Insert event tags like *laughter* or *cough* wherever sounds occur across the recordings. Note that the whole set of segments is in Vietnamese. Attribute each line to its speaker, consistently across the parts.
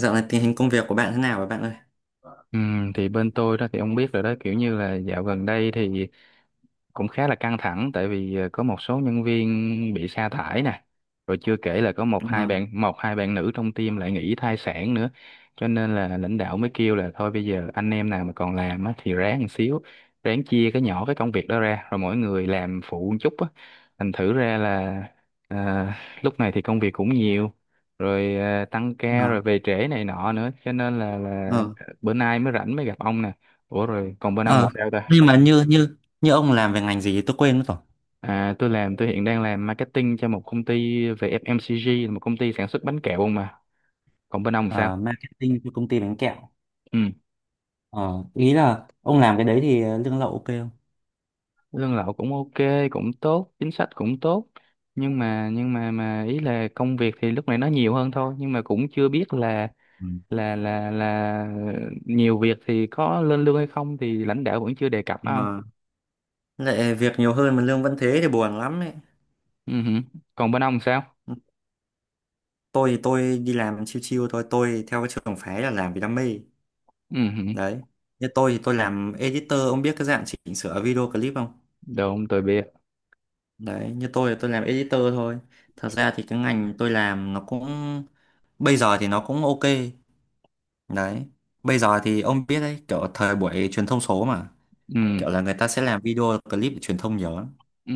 Speaker 1: Dạo này tình hình công việc của bạn thế nào rồi bạn ơi?
Speaker 2: Ừ, thì bên tôi đó thì ông biết rồi đó, kiểu như là dạo gần đây thì cũng khá là căng thẳng tại vì có một số nhân viên bị sa thải nè, rồi chưa kể là có
Speaker 1: ờ
Speaker 2: một hai bạn nữ trong team lại nghỉ thai sản nữa. Cho nên là lãnh đạo mới kêu là thôi bây giờ anh em nào mà còn làm á, thì ráng một xíu, ráng chia cái công việc đó ra rồi mỗi người làm phụ một chút á. Thành thử ra là, ờ, lúc này thì công việc cũng nhiều, rồi tăng ca
Speaker 1: ờ
Speaker 2: rồi về trễ này nọ nữa, cho nên là
Speaker 1: ờ
Speaker 2: bữa nay mới rảnh mới gặp ông nè. Ủa, rồi còn bên ông
Speaker 1: ờ.
Speaker 2: sao ta?
Speaker 1: Nhưng mà như như như ông làm về ngành gì, tôi quên mất rồi.
Speaker 2: À, tôi hiện đang làm marketing cho một công ty về FMCG, là một công ty sản xuất bánh kẹo không mà. Còn bên ông sao?
Speaker 1: Ờ, marketing cho công ty bánh kẹo.
Speaker 2: Ừ.
Speaker 1: Ờ, ý là ông làm cái đấy thì lương lậu ok không?
Speaker 2: Lương lậu cũng ok, cũng tốt, chính sách cũng tốt. Nhưng mà ý là công việc thì lúc này nó nhiều hơn thôi, nhưng mà cũng chưa biết
Speaker 1: Ừ.
Speaker 2: là nhiều việc thì có lên lương hay không thì lãnh đạo vẫn chưa đề cập á ông.
Speaker 1: Ờ, lại việc nhiều hơn mà lương vẫn thế thì buồn lắm ấy.
Speaker 2: Ừ hử. Còn bên ông sao?
Speaker 1: Tôi thì tôi đi làm chill chill thôi, tôi theo cái trường phái là làm vì đam mê.
Speaker 2: Ừ hử.
Speaker 1: Đấy. Như tôi thì tôi làm editor, ông biết cái dạng chỉnh sửa video clip không?
Speaker 2: Đúng, tôi biết.
Speaker 1: Đấy, như tôi thì tôi làm editor thôi. Thật ra thì cái ngành tôi làm nó cũng bây giờ thì nó cũng ok, đấy. Bây giờ thì ông biết đấy, kiểu thời buổi truyền thông số mà.
Speaker 2: Ừ.
Speaker 1: Kiểu là người ta sẽ làm video clip để truyền thông nhiều lắm.
Speaker 2: Ừ.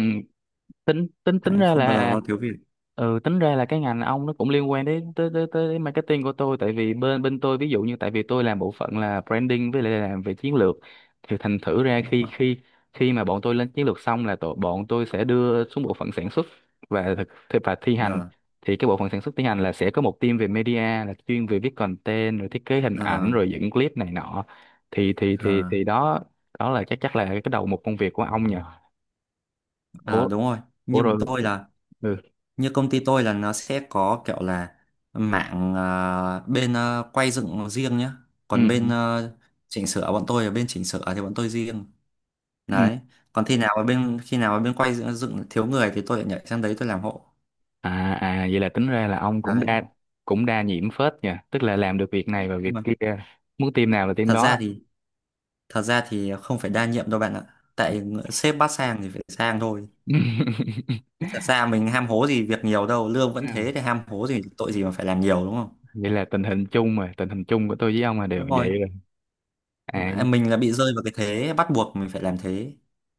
Speaker 2: tính tính tính
Speaker 1: Đấy,
Speaker 2: ra
Speaker 1: không bao giờ
Speaker 2: là.
Speaker 1: nó thiếu việc,
Speaker 2: Ừ, tính ra là cái ngành ông nó cũng liên quan đến tới tới tới marketing của tôi, tại vì bên bên tôi, ví dụ như, tại vì tôi làm bộ phận là branding với lại làm về chiến lược, thì thành thử ra
Speaker 1: đúng
Speaker 2: khi
Speaker 1: không?
Speaker 2: khi khi mà bọn tôi lên chiến lược xong là bọn tôi sẽ đưa xuống bộ phận sản xuất và và thi hành.
Speaker 1: Ờ,
Speaker 2: Thì cái bộ phận sản xuất thi hành là sẽ có một team về media, là chuyên về viết content rồi thiết kế hình
Speaker 1: ờ,
Speaker 2: ảnh rồi dựng clip này nọ. thì thì
Speaker 1: ờ,
Speaker 2: thì thì đó, là chắc chắc là cái một công việc của ông nhỉ.
Speaker 1: ờ,
Speaker 2: Ủa
Speaker 1: đúng rồi.
Speaker 2: ủa
Speaker 1: như bọn
Speaker 2: rồi.
Speaker 1: tôi là
Speaker 2: Ừ.
Speaker 1: Như công ty tôi là nó sẽ có kiểu là mạng bên quay dựng riêng nhá. Còn bên
Speaker 2: Ừ.
Speaker 1: chỉnh sửa, bọn tôi là bên chỉnh sửa thì bọn tôi riêng.
Speaker 2: Ừ.
Speaker 1: Đấy. Còn khi nào mà bên quay dựng, thiếu người thì tôi lại nhảy sang đấy tôi làm hộ.
Speaker 2: À, vậy là tính ra là ông
Speaker 1: Đấy,
Speaker 2: cũng đa nhiễm phết nha, tức là làm được việc này và
Speaker 1: nhưng
Speaker 2: việc
Speaker 1: mà
Speaker 2: kia, muốn team nào là team
Speaker 1: thật ra
Speaker 2: đó.
Speaker 1: thì thật ra thì không phải đa nhiệm đâu bạn ạ. Tại sếp bắt sang thì phải sang thôi.
Speaker 2: *laughs*
Speaker 1: Thật ra mình ham hố gì việc nhiều đâu, lương vẫn
Speaker 2: Ừ.
Speaker 1: thế thì ham hố gì, tội gì mà phải làm nhiều, đúng không?
Speaker 2: Vậy là tình hình chung mà, tình hình chung của tôi với ông là đều
Speaker 1: Đúng rồi.
Speaker 2: vậy rồi. À.
Speaker 1: Mà mình là bị rơi vào cái thế bắt buộc mình phải làm thế.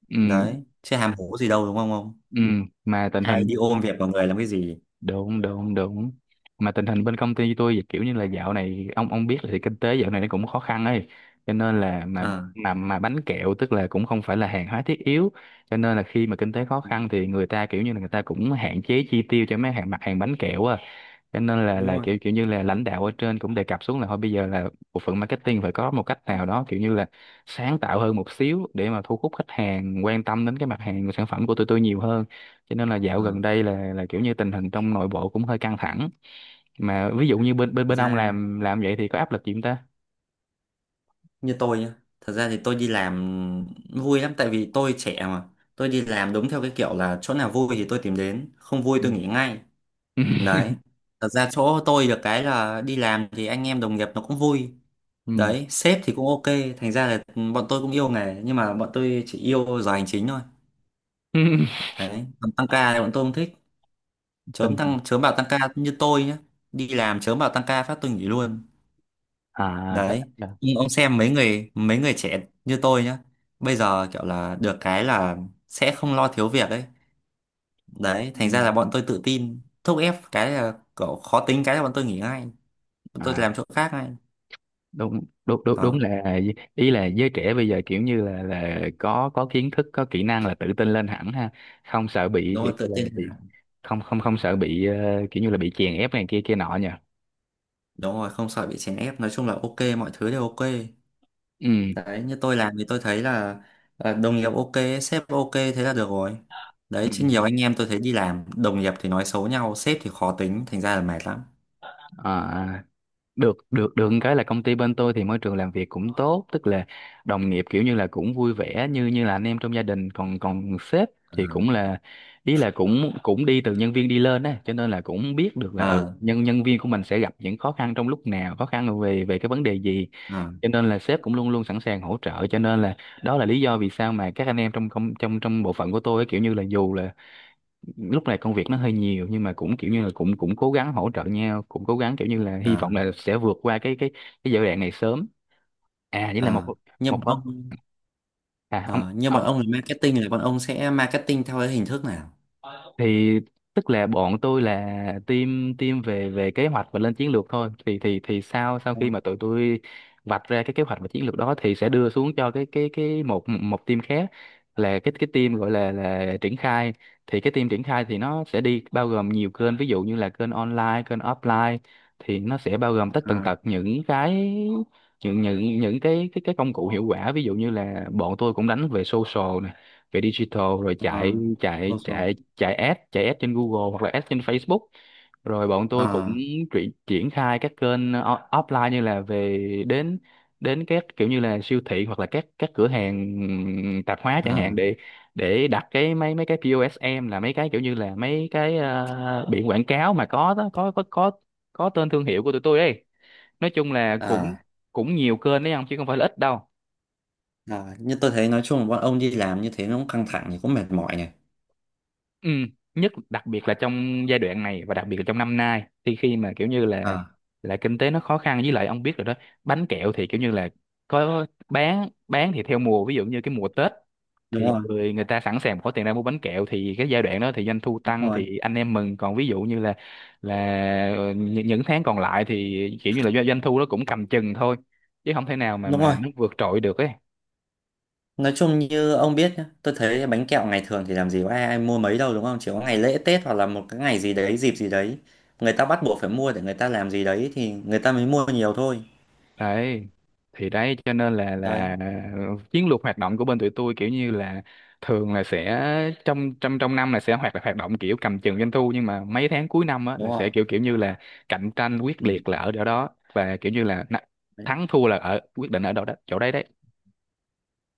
Speaker 2: Ừ,
Speaker 1: Đấy, chứ ham hố gì đâu đúng không ông?
Speaker 2: ừ, mà tình
Speaker 1: Ai
Speaker 2: hình
Speaker 1: đi ôm việc vào người làm cái gì?
Speaker 2: đúng đúng đúng, mà tình hình bên công ty tôi kiểu như là dạo này ông biết là thì kinh tế dạo này nó cũng khó khăn ấy, cho nên là
Speaker 1: Ờ,
Speaker 2: mà bánh kẹo tức là cũng không phải là hàng hóa thiết yếu, cho nên là khi mà kinh tế khó khăn thì người ta kiểu như là người ta cũng hạn chế chi tiêu cho mấy hàng mặt hàng bánh kẹo á, cho nên
Speaker 1: đúng
Speaker 2: là
Speaker 1: rồi.
Speaker 2: kiểu kiểu như là lãnh đạo ở trên cũng đề cập xuống là thôi bây giờ là bộ phận marketing phải có một cách nào đó, kiểu như là sáng tạo hơn một xíu để mà thu hút khách hàng quan tâm đến cái mặt hàng của sản phẩm của tụi tôi nhiều hơn, cho nên là dạo
Speaker 1: Ờ,
Speaker 2: gần đây là kiểu như tình hình trong nội bộ cũng hơi căng thẳng. Mà ví dụ như bên bên
Speaker 1: thật
Speaker 2: bên ông
Speaker 1: ra
Speaker 2: làm vậy thì có áp lực gì không ta?
Speaker 1: như tôi nhá, thật ra thì tôi đi làm vui lắm tại vì tôi trẻ mà. Tôi đi làm đúng theo cái kiểu là chỗ nào vui thì tôi tìm đến, không vui tôi nghỉ ngay.
Speaker 2: Ừ.
Speaker 1: Đấy.
Speaker 2: *laughs*
Speaker 1: Thật ra chỗ tôi được cái là đi làm thì anh em đồng nghiệp nó cũng vui.
Speaker 2: Ừ.
Speaker 1: Đấy, sếp thì cũng ok. Thành ra là bọn tôi cũng yêu nghề nhưng mà bọn tôi chỉ yêu giờ hành chính thôi.
Speaker 2: *laughs*
Speaker 1: Đấy, còn tăng ca thì bọn tôi không thích.
Speaker 2: Tình hình.
Speaker 1: Chớm bảo tăng ca như tôi nhá. Đi làm chớm bảo tăng ca phát tôi nghỉ luôn.
Speaker 2: à thế-
Speaker 1: Đấy.
Speaker 2: là-
Speaker 1: Nhưng ông xem mấy người trẻ như tôi nhá, bây giờ kiểu là được cái là sẽ không lo thiếu việc ấy. Đấy,
Speaker 2: ừ.
Speaker 1: thành ra là bọn tôi tự tin, thúc ép cái là kiểu khó tính cái là bọn tôi nghỉ ngay. Bọn tôi
Speaker 2: À,
Speaker 1: làm chỗ khác ngay.
Speaker 2: đúng đúng đúng đúng
Speaker 1: Đó.
Speaker 2: là, ý là giới trẻ bây giờ kiểu như là có kiến thức, có kỹ năng là tự tin lên hẳn ha, không sợ bị
Speaker 1: Đúng
Speaker 2: kiểu
Speaker 1: rồi,
Speaker 2: như
Speaker 1: tự
Speaker 2: là
Speaker 1: tin
Speaker 2: bị,
Speaker 1: là-
Speaker 2: không không không sợ bị kiểu như là bị chèn ép này kia kia nọ nhỉ.
Speaker 1: đúng rồi, không sợ bị chèn ép, nói chung là ok, mọi thứ đều ok.
Speaker 2: Ừ.
Speaker 1: Đấy, như tôi làm thì tôi thấy là à, đồng nghiệp ok, sếp ok thế là được rồi. Đấy
Speaker 2: Ừ.
Speaker 1: chứ
Speaker 2: Ừ.
Speaker 1: nhiều anh em tôi thấy đi làm đồng nghiệp thì nói xấu nhau, sếp thì khó tính, thành ra là mệt lắm.
Speaker 2: À. À. được được được một cái là công ty bên tôi thì môi trường làm việc cũng tốt, tức là đồng nghiệp kiểu như là cũng vui vẻ như như là anh em trong gia đình, còn còn sếp
Speaker 1: ờ
Speaker 2: thì cũng là, ý là cũng cũng đi từ nhân viên đi lên á, cho nên là cũng biết được là ừ,
Speaker 1: ờ
Speaker 2: nhân nhân viên của mình sẽ gặp những khó khăn trong lúc nào, khó khăn về về cái vấn đề gì,
Speaker 1: ờ
Speaker 2: cho nên là sếp cũng luôn luôn sẵn sàng hỗ trợ, cho nên là đó là lý do vì sao mà các anh em trong công trong trong bộ phận của tôi á, kiểu như là dù là lúc này công việc nó hơi nhiều nhưng mà cũng kiểu như là cũng cũng cố gắng hỗ trợ nhau, cũng cố gắng kiểu như là hy
Speaker 1: ờ
Speaker 2: vọng là sẽ vượt qua cái giai đoạn này sớm. À với là một
Speaker 1: ờ. như
Speaker 2: một
Speaker 1: bọn
Speaker 2: phần-
Speaker 1: ông
Speaker 2: à ông,
Speaker 1: ờ, Như bọn ông là marketing là bọn ông sẽ marketing theo cái hình thức nào?
Speaker 2: thì tức là bọn tôi là team team về về kế hoạch và lên chiến lược thôi, thì sau sau
Speaker 1: Ờ,
Speaker 2: khi mà tụi tôi vạch ra cái kế hoạch và chiến lược đó thì sẽ đưa xuống cho cái một một team khác, là cái team gọi là triển khai. Thì cái team triển khai thì nó sẽ đi bao gồm nhiều kênh, ví dụ như là kênh online, kênh offline, thì nó sẽ bao gồm tất
Speaker 1: ờ,
Speaker 2: tần tật những cái, những cái công cụ hiệu quả, ví dụ như là bọn tôi cũng đánh về social này, về digital, rồi
Speaker 1: ờ,
Speaker 2: chạy
Speaker 1: thôi.
Speaker 2: chạy chạy chạy ads trên Google hoặc là ads trên Facebook. Rồi bọn tôi cũng
Speaker 1: ờ
Speaker 2: triển triển khai các kênh offline, như là đến đến các kiểu như là siêu thị hoặc là các cửa hàng tạp hóa chẳng hạn
Speaker 1: ờ
Speaker 2: để đặt cái mấy mấy cái POSM, là mấy cái kiểu như là mấy cái biển quảng cáo mà có tên thương hiệu của tụi tôi ấy. Nói chung là cũng
Speaker 1: ờ
Speaker 2: cũng nhiều kênh đấy, không, chứ không phải là ít đâu.
Speaker 1: ờ. Như tôi thấy nói chung là bọn ông đi làm như thế nó cũng căng thẳng thì cũng mệt mỏi này.
Speaker 2: Ừ, đặc biệt là trong giai đoạn này và đặc biệt là trong năm nay thì khi mà kiểu như là
Speaker 1: Ờ,
Speaker 2: kinh tế nó khó khăn, với lại ông biết rồi đó, bánh kẹo thì kiểu như là có bán thì theo mùa, ví dụ như cái mùa Tết
Speaker 1: đúng
Speaker 2: thì
Speaker 1: rồi,
Speaker 2: người người ta sẵn sàng có tiền ra mua bánh kẹo thì cái giai đoạn đó thì doanh thu
Speaker 1: đúng
Speaker 2: tăng
Speaker 1: rồi,
Speaker 2: thì anh em mừng, còn ví dụ như là những tháng còn lại thì kiểu như là doanh doanh thu nó cũng cầm chừng thôi, chứ không thể nào
Speaker 1: đúng
Speaker 2: mà
Speaker 1: rồi.
Speaker 2: nó vượt trội được ấy.
Speaker 1: Nói chung như ông biết nhá, tôi thấy bánh kẹo ngày thường thì làm gì có ai, ai mua mấy đâu đúng không, chỉ có ngày lễ Tết hoặc là một cái ngày gì đấy, dịp gì đấy người ta bắt buộc phải mua để người ta làm gì đấy thì người ta mới mua nhiều thôi.
Speaker 2: Đấy, thì đấy cho nên là
Speaker 1: Đấy.
Speaker 2: chiến lược hoạt động của bên tụi tôi kiểu như là thường là sẽ trong trong trong năm là sẽ hoạt hoạt động kiểu cầm chừng doanh thu, nhưng mà mấy tháng cuối năm á
Speaker 1: Đúng
Speaker 2: là
Speaker 1: rồi.
Speaker 2: sẽ kiểu kiểu như là cạnh tranh quyết
Speaker 1: Ừ.
Speaker 2: liệt là ở chỗ đó và kiểu như là na-,
Speaker 1: Đấy.
Speaker 2: thắng thua là ở quyết định ở đâu đó chỗ đấy đấy.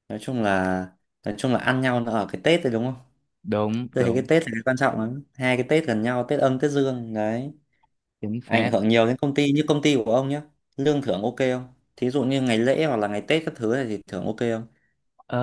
Speaker 1: nói chung là nói chung là ăn nhau nó ở cái Tết đấy, đúng không?
Speaker 2: Đúng,
Speaker 1: Tôi thấy cái
Speaker 2: đúng,
Speaker 1: Tết là cái quan trọng lắm, 2 cái Tết gần nhau, Tết âm Tết dương đấy,
Speaker 2: chính
Speaker 1: ảnh
Speaker 2: xác.
Speaker 1: hưởng nhiều đến công ty như công ty của ông nhá. Lương thưởng ok không? Thí dụ như ngày lễ hoặc là ngày Tết các thứ này thì thưởng ok không?
Speaker 2: Ờ,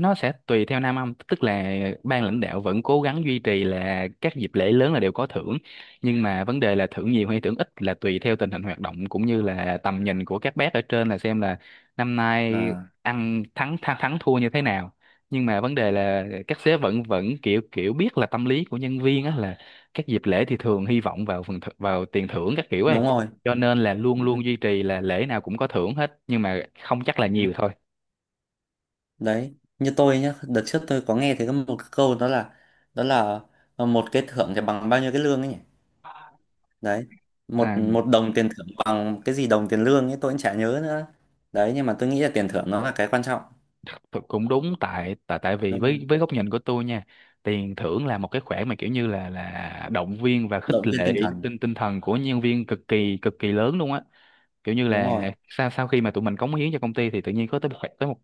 Speaker 2: nó sẽ tùy theo Nam Âm, tức là ban lãnh đạo vẫn cố gắng duy trì là các dịp lễ lớn là đều có thưởng, nhưng mà vấn đề là thưởng nhiều hay thưởng ít là tùy theo tình hình hoạt động cũng như là tầm nhìn của các bác ở trên là xem là năm nay
Speaker 1: À,
Speaker 2: ăn thắng thắng, thắng thua như thế nào. Nhưng mà vấn đề là các sếp vẫn vẫn kiểu kiểu biết là tâm lý của nhân viên á, là các dịp lễ thì thường hy vọng vào vào tiền thưởng các kiểu ấy,
Speaker 1: đúng rồi.
Speaker 2: cho nên là luôn
Speaker 1: Ừ,
Speaker 2: luôn duy trì là lễ nào cũng có thưởng hết, nhưng mà không chắc là nhiều thôi.
Speaker 1: đấy như tôi nhá, đợt trước tôi có nghe thấy có một cái câu, đó là một cái thưởng thì bằng bao nhiêu cái lương ấy nhỉ. Đấy, một
Speaker 2: À.
Speaker 1: một đồng tiền thưởng bằng cái gì đồng tiền lương ấy tôi cũng chả nhớ nữa. Đấy nhưng mà tôi nghĩ là tiền thưởng nó là cái quan trọng.
Speaker 2: Cũng Cũng đúng, tại tại tại vì
Speaker 1: Đúng rồi,
Speaker 2: với góc nhìn của tôi nha, tiền thưởng là một cái khoản mà kiểu như là động viên và khích
Speaker 1: động viên
Speaker 2: lệ
Speaker 1: tinh thần.
Speaker 2: tinh tinh thần của nhân viên cực kỳ lớn luôn á, kiểu như
Speaker 1: Đúng
Speaker 2: là
Speaker 1: rồi,
Speaker 2: sau sau khi mà tụi mình cống hiến cho công ty thì tự nhiên có tới tới một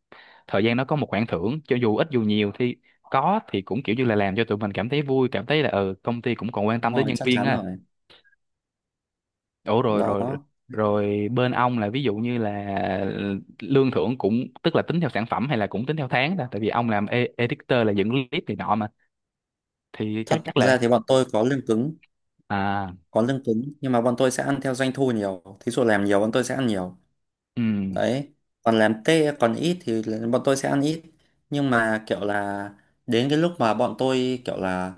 Speaker 2: thời gian nó có một khoản thưởng cho dù ít dù nhiều, thì có thì cũng kiểu như là làm cho tụi mình cảm thấy vui, cảm thấy là ừ công ty cũng còn quan
Speaker 1: đúng
Speaker 2: tâm tới
Speaker 1: rồi,
Speaker 2: nhân
Speaker 1: chắc
Speaker 2: viên
Speaker 1: chắn
Speaker 2: á.
Speaker 1: rồi.
Speaker 2: Ủa, rồi,
Speaker 1: Đó.
Speaker 2: rồi, bên ông là, ví dụ như là lương thưởng cũng, tức là tính theo sản phẩm hay là cũng tính theo tháng ta, tại vì ông làm editor là dựng clip này nọ mà, thì chắc
Speaker 1: Thật
Speaker 2: chắc là.
Speaker 1: ra thì bọn tôi có lương cứng
Speaker 2: À.
Speaker 1: có lương cứng nhưng mà bọn tôi sẽ ăn theo doanh thu nhiều, thí dụ làm nhiều bọn tôi sẽ ăn nhiều.
Speaker 2: Ừ.
Speaker 1: Đấy, còn làm tê còn ít thì là bọn tôi sẽ ăn ít. Nhưng mà kiểu là đến cái lúc mà bọn tôi kiểu là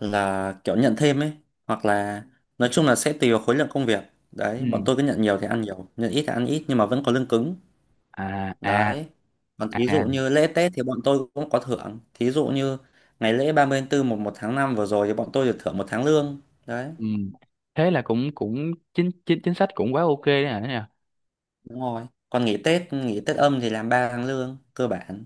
Speaker 1: kiểu nhận thêm ấy, hoặc là nói chung là sẽ tùy vào khối lượng công việc. Đấy,
Speaker 2: Ừ.
Speaker 1: bọn tôi cứ nhận nhiều thì ăn nhiều, nhận ít thì ăn ít nhưng mà vẫn có lương cứng.
Speaker 2: À. À.
Speaker 1: Đấy, còn
Speaker 2: À.
Speaker 1: thí dụ
Speaker 2: À.
Speaker 1: như lễ Tết thì bọn tôi cũng có thưởng, thí dụ như ngày lễ 30 tháng 4 một một tháng 5 vừa rồi thì bọn tôi được thưởng 1 tháng lương. Đấy.
Speaker 2: Ừ. Thế là cũng cũng chính chính chính sách cũng quá ok đấy hả nhỉ.
Speaker 1: Đúng rồi, còn nghỉ Tết âm thì làm 3 tháng lương cơ bản.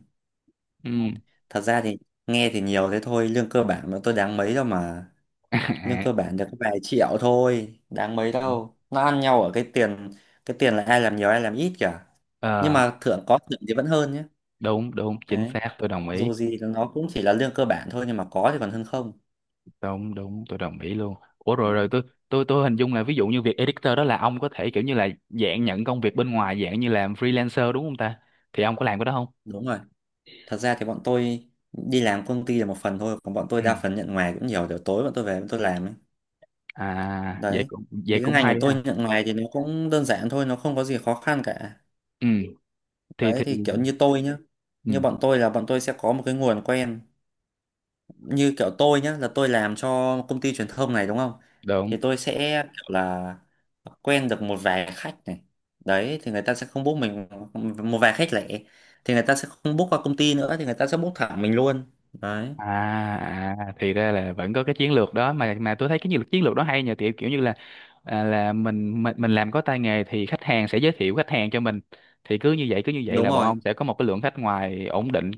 Speaker 2: Ừ.
Speaker 1: Thật ra thì nghe thì nhiều thế thôi, lương cơ bản mà tôi đáng mấy đâu mà.
Speaker 2: *laughs*
Speaker 1: Lương
Speaker 2: À.
Speaker 1: cơ bản được có vài triệu thôi đáng mấy đâu, nó ăn nhau ở cái tiền, cái tiền là ai làm nhiều ai làm ít cả. Nhưng
Speaker 2: Ờ.
Speaker 1: mà thưởng, có thưởng thì vẫn hơn nhé.
Speaker 2: Đúng, đúng, chính
Speaker 1: Đấy,
Speaker 2: xác, tôi đồng ý.
Speaker 1: dù gì thì nó cũng chỉ là lương cơ bản thôi nhưng mà có thì còn hơn không.
Speaker 2: Đúng, đúng, tôi đồng ý luôn. Ủa, rồi,
Speaker 1: Đấy.
Speaker 2: rồi, tôi hình dung là ví dụ như việc editor đó là ông có thể kiểu như là dạng nhận công việc bên ngoài, dạng như làm freelancer đúng không ta? Thì ông có làm cái đó không?
Speaker 1: Đúng rồi. Thật ra thì bọn tôi đi làm công ty là một phần thôi, còn bọn tôi
Speaker 2: Ừ.
Speaker 1: đa phần nhận ngoài cũng nhiều, kiểu tối bọn tôi về bọn tôi làm ấy.
Speaker 2: À,
Speaker 1: Đấy
Speaker 2: vậy
Speaker 1: thì cái
Speaker 2: cũng
Speaker 1: ngành
Speaker 2: hay
Speaker 1: của tôi
Speaker 2: ha.
Speaker 1: nhận ngoài thì nó cũng đơn giản thôi, nó không có gì khó khăn cả.
Speaker 2: Ừ. thì
Speaker 1: Đấy
Speaker 2: thì
Speaker 1: thì kiểu như tôi nhá,
Speaker 2: Ừ.
Speaker 1: như bọn tôi là bọn tôi sẽ có một cái nguồn quen. Như kiểu tôi nhá, là tôi làm cho công ty truyền thông này, đúng không?
Speaker 2: Đúng.
Speaker 1: Thì tôi sẽ kiểu là quen được một vài khách này. Đấy thì người ta sẽ không book mình, một vài khách lẻ thì người ta sẽ không book qua công ty nữa thì người ta sẽ book thẳng mình luôn. Đấy,
Speaker 2: À, thì ra là vẫn có cái chiến lược đó, mà tôi thấy cái chiến lược đó hay nhờ, kiểu kiểu như là, à, là mình làm có tay nghề thì khách hàng sẽ giới thiệu khách hàng cho mình, thì cứ như vậy
Speaker 1: đúng
Speaker 2: là bọn
Speaker 1: rồi,
Speaker 2: ông sẽ có một cái lượng khách ngoài ổn định.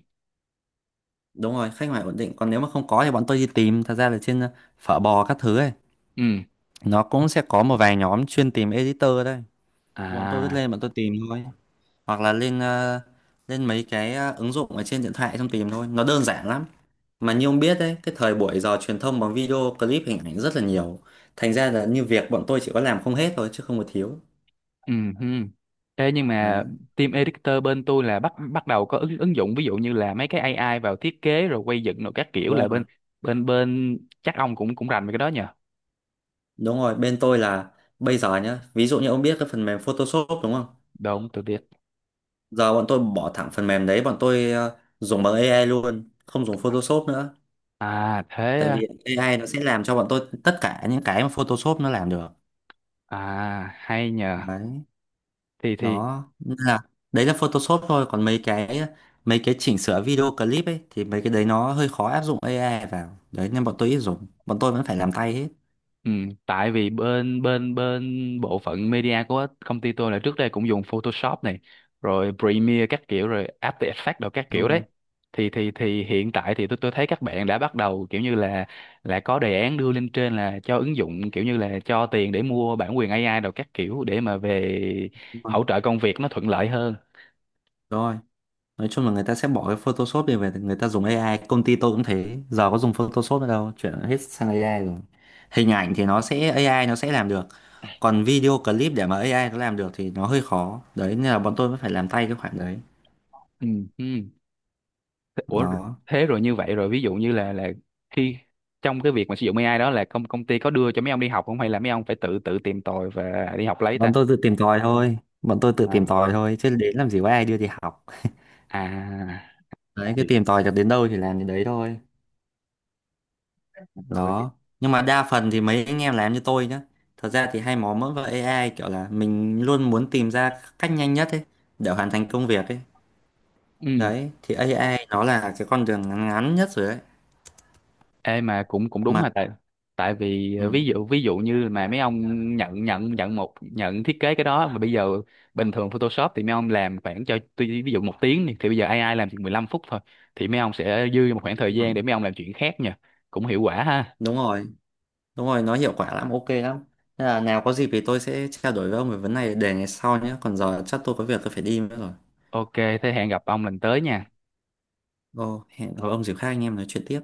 Speaker 1: đúng rồi, khách hàng ổn định. Còn nếu mà không có thì bọn tôi đi tìm, thật ra là trên phở bò các thứ ấy,
Speaker 2: Ừ.
Speaker 1: nó cũng sẽ có một vài nhóm chuyên tìm editor đây. Bọn tôi cứ
Speaker 2: À.
Speaker 1: lên bọn tôi tìm thôi, hoặc là lên mấy cái ứng dụng ở trên điện thoại xong tìm thôi, nó đơn giản lắm. Mà như ông biết đấy, cái thời buổi giờ truyền thông bằng video clip hình ảnh rất là nhiều, thành ra là như việc bọn tôi chỉ có làm không hết thôi chứ không có thiếu.
Speaker 2: Ừ. Hừ. Ê, nhưng
Speaker 1: Đấy.
Speaker 2: mà team editor bên tôi là bắt bắt đầu có ứng ứng dụng ví dụ như là mấy cái AI vào thiết kế rồi quay dựng rồi các kiểu,
Speaker 1: Đúng
Speaker 2: là
Speaker 1: rồi.
Speaker 2: bên bên bên chắc ông cũng cũng rành về cái đó nhờ.
Speaker 1: Đúng rồi, bên tôi là bây giờ nhá, ví dụ như ông biết cái phần mềm Photoshop đúng không?
Speaker 2: Đúng, tôi biết.
Speaker 1: Giờ bọn tôi bỏ thẳng phần mềm đấy, bọn tôi dùng bằng AI luôn, không dùng Photoshop nữa.
Speaker 2: À thế
Speaker 1: Tại
Speaker 2: à.
Speaker 1: vì AI nó sẽ làm cho bọn tôi tất cả những cái mà Photoshop nó làm được.
Speaker 2: À hay nhờ.
Speaker 1: Đấy.
Speaker 2: Thì thì.
Speaker 1: Đó nên là đấy là Photoshop thôi, còn mấy cái chỉnh sửa video clip ấy thì mấy cái đấy nó hơi khó áp dụng AI vào đấy, nên bọn tôi ít dùng, bọn tôi vẫn phải làm tay hết.
Speaker 2: Ừ, tại vì bên bên bên bộ phận media của công ty tôi là trước đây cũng dùng Photoshop này, rồi Premiere các kiểu rồi After Effects đồ các
Speaker 1: Đúng
Speaker 2: kiểu đấy,
Speaker 1: rồi.
Speaker 2: thì hiện tại thì tôi thấy các bạn đã bắt đầu kiểu như là có đề án đưa lên trên là cho ứng dụng kiểu như là cho tiền để mua bản quyền AI đồ các kiểu để mà về
Speaker 1: Đúng rồi,
Speaker 2: hỗ trợ công việc nó thuận lợi hơn.
Speaker 1: rồi. Nói chung là người ta sẽ bỏ cái Photoshop đi về người ta dùng AI, công ty tôi cũng thế, giờ có dùng Photoshop nữa đâu, chuyển hết sang AI rồi. Hình ảnh thì nó sẽ AI nó sẽ làm được. Còn video clip để mà AI nó làm được thì nó hơi khó đấy, nên là bọn tôi vẫn phải làm tay cái khoản đấy.
Speaker 2: Ừ, ừ. Thế. Ủa,
Speaker 1: Nó
Speaker 2: thế rồi như vậy rồi ví dụ như là khi trong cái việc mà sử dụng AI đó là công công ty có đưa cho mấy ông đi học không, hay là mấy ông phải tự tự tìm tòi và đi học lấy ta?
Speaker 1: bọn tôi tự tìm
Speaker 2: À.
Speaker 1: tòi thôi chứ đến làm gì có ai đưa đi học.
Speaker 2: À.
Speaker 1: Đấy cứ
Speaker 2: Thì.
Speaker 1: tìm tòi được đến đâu thì làm đến đấy thôi.
Speaker 2: Rồi thì.
Speaker 1: Đó. Nhưng mà đa phần thì mấy anh em làm như tôi nhá, thật ra thì hay mò mẫm vào AI, kiểu là mình luôn muốn tìm ra cách nhanh nhất ấy để hoàn thành công việc ấy.
Speaker 2: Ừ.
Speaker 1: Đấy thì AI nó là cái con đường ngắn ngắn nhất rồi đấy,
Speaker 2: Ê, mà cũng cũng đúng
Speaker 1: mà
Speaker 2: hả, tại tại vì ví
Speaker 1: ừ,
Speaker 2: dụ như mà mấy ông nhận nhận nhận một nhận thiết kế cái đó mà bây giờ bình thường Photoshop thì mấy ông làm khoảng cho tuy ví dụ một tiếng đi, thì bây giờ AI làm chỉ 15 phút thôi, thì mấy ông sẽ dư một khoảng thời
Speaker 1: đúng rồi.
Speaker 2: gian để mấy ông làm chuyện khác nha, cũng hiệu quả ha.
Speaker 1: Đúng rồi, đúng rồi, nó hiệu quả lắm, ok lắm. Thế là nào có dịp thì tôi sẽ trao đổi với ông về vấn này để ngày sau nhé, còn giờ chắc tôi có việc tôi phải đi nữa rồi.
Speaker 2: Ok, thế hẹn gặp ông lần tới nha.
Speaker 1: Ồ, hẹn gặp ông dịp khác anh em nói chuyện tiếp.